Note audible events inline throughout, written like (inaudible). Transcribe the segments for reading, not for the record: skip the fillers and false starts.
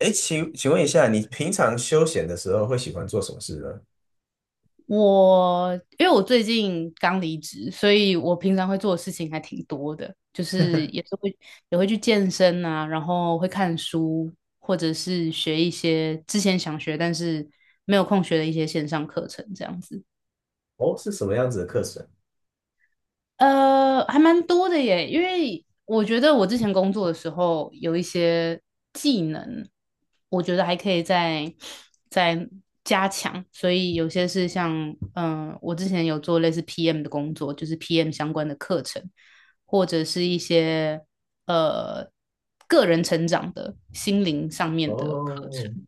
哎，请问一下，你平常休闲的时候会喜欢做什么事呢？我因为我最近刚离职，所以我平常会做的事情还挺多的，就是也会去健身啊，然后会看书，或者是学一些之前想学但是没有空学的一些线上课程这样子。哦，是什么样子的课程？还蛮多的耶，因为我觉得我之前工作的时候有一些技能，我觉得还可以再加强，所以有些是像，我之前有做类似 PM 的工作，就是 PM 相关的课程，或者是一些呃个人成长的心灵上面的课哦，程。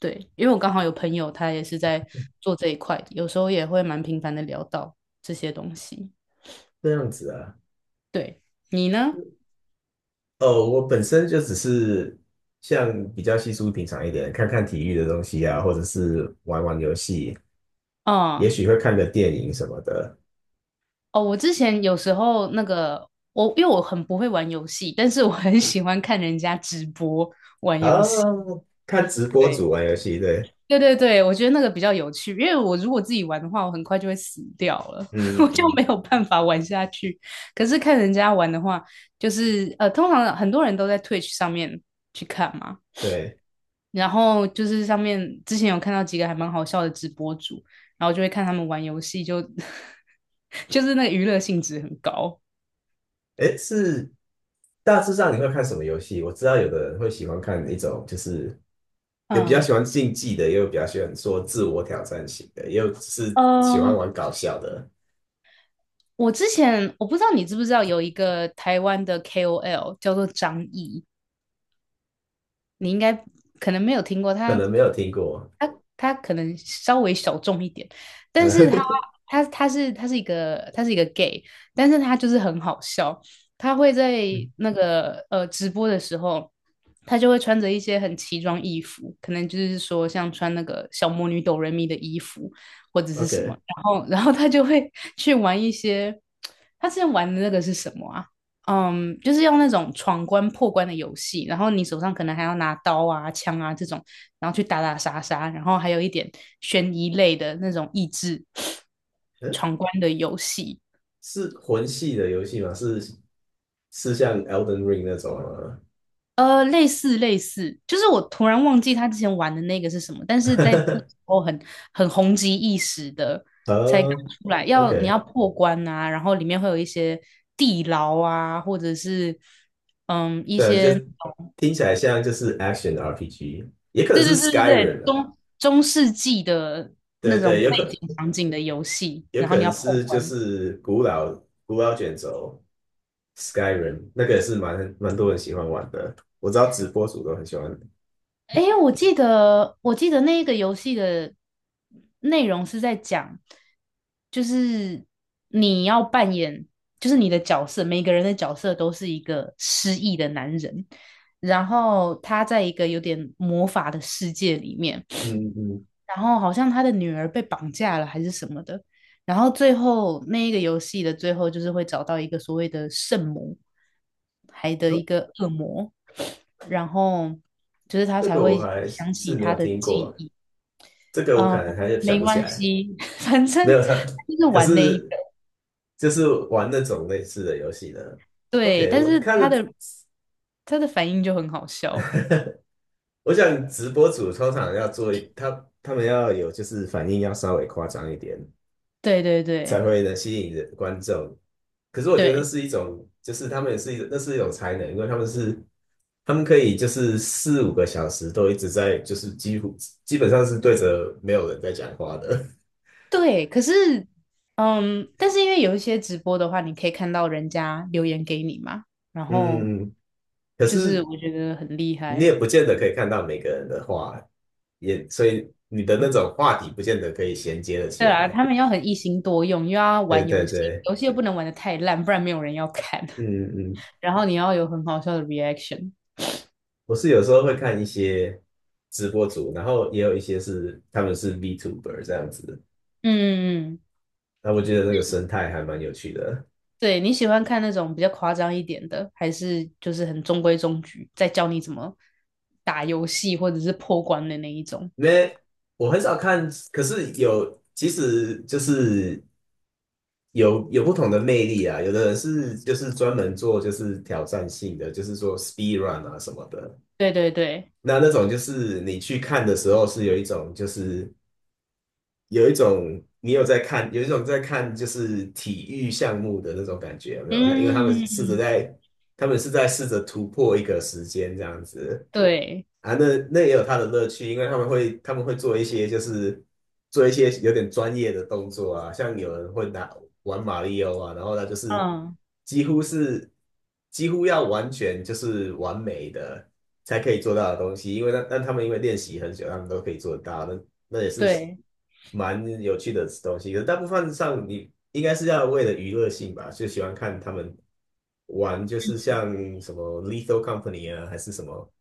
对，因为我刚好有朋友他也是在做这一块，有时候也会蛮频繁的聊到这些东西。这样子啊。对，你呢？哦，我本身就只是像比较稀疏平常一点，看看体育的东西啊，或者是玩玩游戏，也哦许会看个电影什么的。哦，我之前有时候那个我，因为我很不会玩游戏，但是我很喜欢看人家直播玩游啊，戏。看直播对，组玩游戏，对，对对对，我觉得那个比较有趣，因为我如果自己玩的话，我很快就会死掉了，嗯 (laughs) 我就嗯，没有办法玩下去。可是看人家玩的话，就是通常很多人都在 Twitch 上面去看嘛，对。然后就是上面之前有看到几个还蛮好笑的直播主，然后就会看他们玩游戏就 (laughs) 就是那个娱乐性质很高。哎，是大致上你会看什么游戏？我知道有的人会喜欢看一种就是。有比较嗯，喜欢竞技的，也有比较喜欢说自我挑战型的，也有是喜欢呃，玩搞笑的，我之前我不知道你知不知道有一个台湾的 KOL 叫做张译，你应该可能没有听过，可能没有听过。他他可能稍微小众一点，但是他 (laughs) 他他是他是一个他是一个 gay，但是他就是很好笑，他会在嗯 那个直播的时候。他就会穿着一些很奇装异服，可能就是说像穿那个小魔女哆瑞咪的衣服或者是什么，OK，然后他就会去玩一些，他之前玩的那个是什么啊？嗯，就是用那种闯关破关的游戏，然后你手上可能还要拿刀啊、枪啊这种，然后去打打杀杀，然后还有一点悬疑类的那种益智嗯，闯关的游戏。是魂系的游戏吗？是是像 Elden Ring 那种吗？类似类似，就是我突然忘记他之前玩的那个是什么，但是在那个时 (laughs) 候很红极一时的，才刚呃出来，要你要，OK，破关啊，然后里面会有一些地牢啊，或者是一对，就些，听起来像就是 Action RPG，也可能对是 对对对对，Skyrim 啊，中世纪的那对种对，背景场景的游戏，有然后可你能要破是就关，是古老卷轴，Skyrim 那个也是蛮多人喜欢玩的，我知道直播主都很喜欢。诶，我记得，我记得那个游戏的内容是在讲，就是你要扮演，就是你的角色，每个人的角色都是一个失忆的男人，然后他在一个有点魔法的世界里面，嗯嗯，然后好像他的女儿被绑架了还是什么的，然后最后那一个游戏的最后就是会找到一个所谓的圣母，还的哦，一个恶魔。然后就是他这才个我会还是想是起没他有的听记过，忆。这个我嗯，可能还是想没不起关来。系，(laughs) 反没正他有他，就是 (laughs) 可玩那一个，是就是玩那种类似的游戏的。对，OK，但我是看他了 的他的反应就很好笑，(laughs) 我想直播主通常要做一，他们要有就是反应要稍微夸张一点，对对才对会能吸引人观众。可是我觉得那对是一种，就是他们也是一那是一种才能，因为他们可以就是4、5个小时都一直在就是几乎基本上是对着没有人在讲话的。(laughs) 对，可是但是因为有一些直播的话，你可以看到人家留言给你嘛，然后嗯，可就是是我觉得很厉你也害。不见得可以看到每个人的话，也所以你的那种话题不见得可以衔接的对起啊，他来。们要很一心多用，又要对玩对游戏，对，游戏又不能玩的太烂，不然没有人要看。嗯嗯。(laughs) 然后你要有很好笑的 reaction。我是有时候会看一些直播主，然后也有一些是他们是 VTuber 这样子，嗯嗯嗯。那我觉得那个生态还蛮有趣的。对，你喜欢看那种比较夸张一点的，还是就是很中规中矩，在教你怎么打游戏或者是破关的那一种？因为我很少看，可是有，其实就是有不同的魅力啊。有的人是就是专门做就是挑战性的，就是说 speed run 啊什么的。对对对，那种就是你去看的时候是有一种就是有一种你有在看，有一种在看就是体育项目的那种感觉，有没有？因为嗯，他们是在试着突破一个时间这样子。对，啊，那也有它的乐趣，因为他们会做一些有点专业的动作啊，像有人会拿玩马里奥啊，然后他就是嗯，几乎是几乎要完全就是完美的才可以做到的东西，因为但他们因为练习很久，他们都可以做得到，那也是对，蛮有趣的东西。可是大部分上你应该是要为了娱乐性吧，就喜欢看他们玩，就是像什么《Lethal Company》啊，还是什么。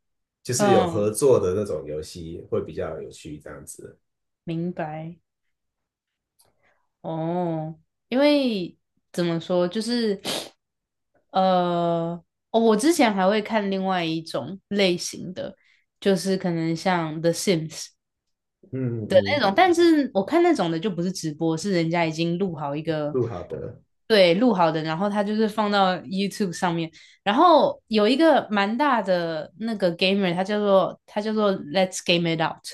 就是有合嗯，作的那种游戏会比较有趣，这样子。明白。哦，因为怎么说，就是呃，哦我之前还会看另外一种类型的，就是可能像《The Sims》。嗯的嗯，那种，但是我看那种的就不是直播，是人家已经录好一个，录好的。对，录好的，然后他就是放到 YouTube 上面。然后有一个蛮大的那个 gamer，他叫做 Let's Game It Out，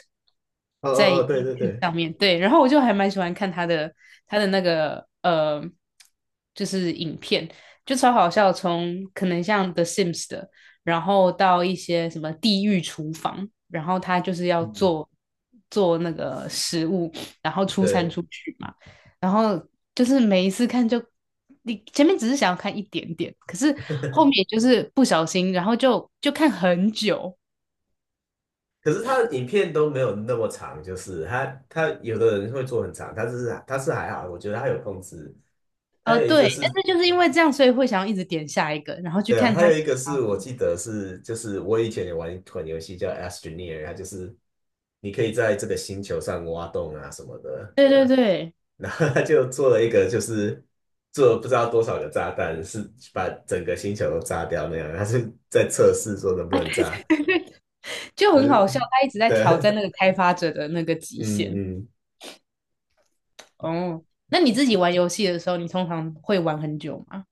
哦哦在 哦，对对 YouTube 对，上面，对。然后我就还蛮喜欢看他的那个就是影片，就超好笑，从可能像 The Sims 的。然后到一些什么地狱厨房，然后他就是要嗯，做那个食物，然后出餐对。出去嘛，然后就是每一次看就你前面只是想要看一点点，可是后面就是不小心，然后就看很久，可是他的影片都没有那么长，就是他有的人会做很长，他是还好，我觉得他有控制。他有一对，个但是，是就是因为这样，所以会想要一直点下一个，然后去对看还他有一其个他是的，我记得是，就是我以前也玩一款游戏叫 Astroneer，它就是你可以在这个星球上挖洞啊什么的。对对对。(laughs) 然后他就做了一个，就是做了不知道多少个炸弹，是把整个星球都炸掉那样。他是在测试说能不啊，能对炸。对，就很好笑，嗯，他一直在挑对，战那个开发者的那个极嗯限。嗯，哦，那你自己玩游戏的时候，你通常会玩很久吗？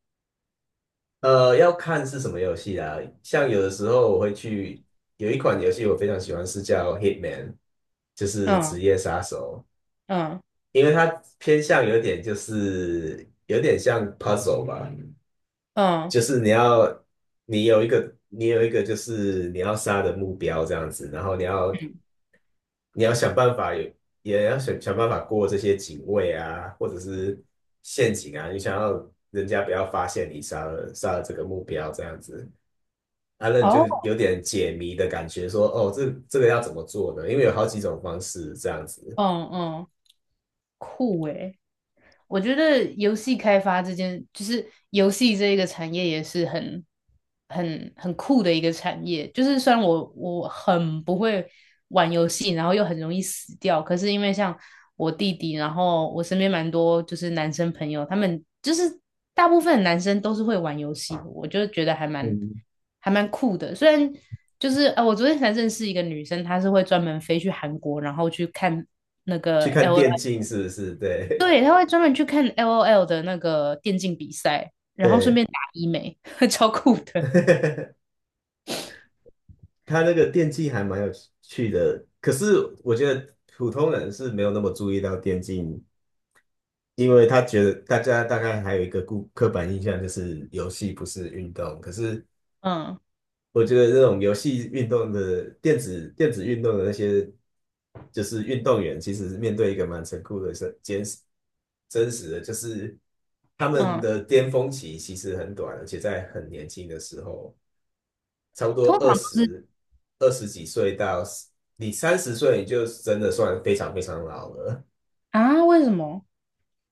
要看是什么游戏啊。像有的时候我会去，有一款游戏我非常喜欢，是叫 Hitman，就是职嗯业杀手，嗯因为它偏向有点像 puzzle 吧。嗯就是你有一个就是你要杀的目标这样子，然后你要嗯你要想办法有也要想想办法过这些警卫啊，或者是陷阱啊，你想要人家不要发现你杀了这个目标这样子。啊，那你就哦，有点解谜的感觉说，哦，这个要怎么做呢？因为有好几种方式这样子。嗯嗯，酷诶。我觉得游戏开发这件，就是游戏这一个产业也是很、很、很酷的一个产业。就是虽然我很不会玩游戏，然后又很容易死掉，可是因为像我弟弟，然后我身边蛮多就是男生朋友，他们就是大部分男生都是会玩游戏的我就觉得还蛮嗯，还蛮酷的。虽然就是我昨天才认识一个女生，她是会专门飞去韩国，然后去看那个 去看 L。电竞是不是？对 对，他会专门去看 LOL 的那个电竞比赛，(laughs) 然后顺对，便打医美，(laughs) 超酷的。(laughs) 他那个电竞还蛮有趣的，可是我觉得普通人是没有那么注意到电竞，因为他觉得大家大概还有一个刻板印象就是游戏不是运动，可是嗯我觉得这种游戏运动的电子运动的那些就是运动员，其实面对一个蛮残酷的是真实的，就是他们嗯，的巅峰期其实很短，而且在很年轻的时候。差不通多常二都是十二十几岁到你30岁，你就真的算非常非常老了，啊，为什么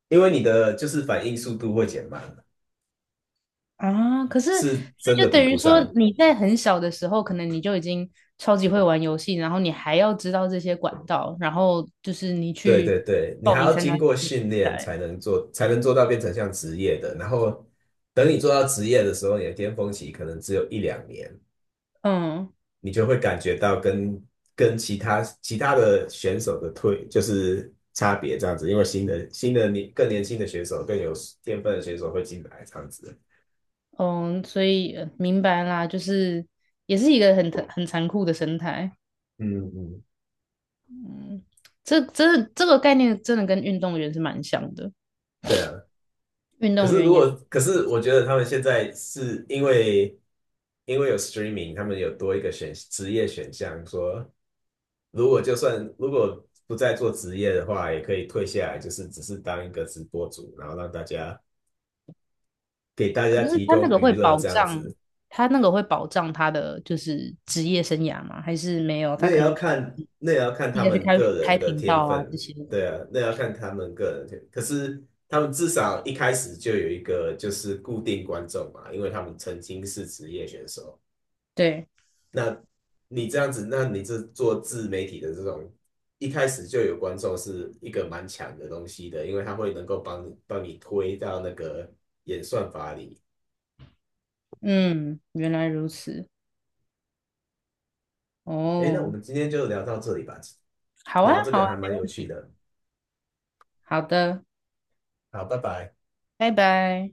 因为你的就是反应速度会减慢，啊？可是是真那的就比等不于说上。你在很小的时候，可能你就已经超级会玩游戏，然后你还要知道这些管道，然后就是你对去对对，你报还名要参经加这过些比训练赛。才能做到变成像职业的。然后等你做到职业的时候，你的巅峰期可能只有1、2年。嗯你就会感觉到跟其他的选手的就是差别这样子，因为新的更年轻的选手更有天分的选手会进来这样子。嗯，所以明白啦，就是也是一个很残酷的生态。嗯嗯，嗯，这个概念真的跟运动员是蛮像的，对啊。运可动是员也，可是我觉得他们现在是因为有 streaming，他们有多一个职业选项，说就算如果不再做职业的话，也可以退下来，就是只是当一个直播主，然后让大家给大可家是提他那供个会娱乐保这样障，子。他那个会保障他的就是职业生涯吗？还是没有？他可能就自那也要看己他要去们开个人开的频天道啊这分，些的。对啊，那也要看他们个人的天分可是他们至少一开始就有一个就是固定观众嘛，因为他们曾经是职业选手。对，那你这样子，那你这做自媒体的这种，一开始就有观众是一个蛮强的东西的，因为他会能够帮你推到那个演算法里。嗯，原来如此，诶，那我哦，们今天就聊到这里吧，好聊啊，这好个啊，还没蛮有问趣题，的。好的，好，拜拜。拜拜。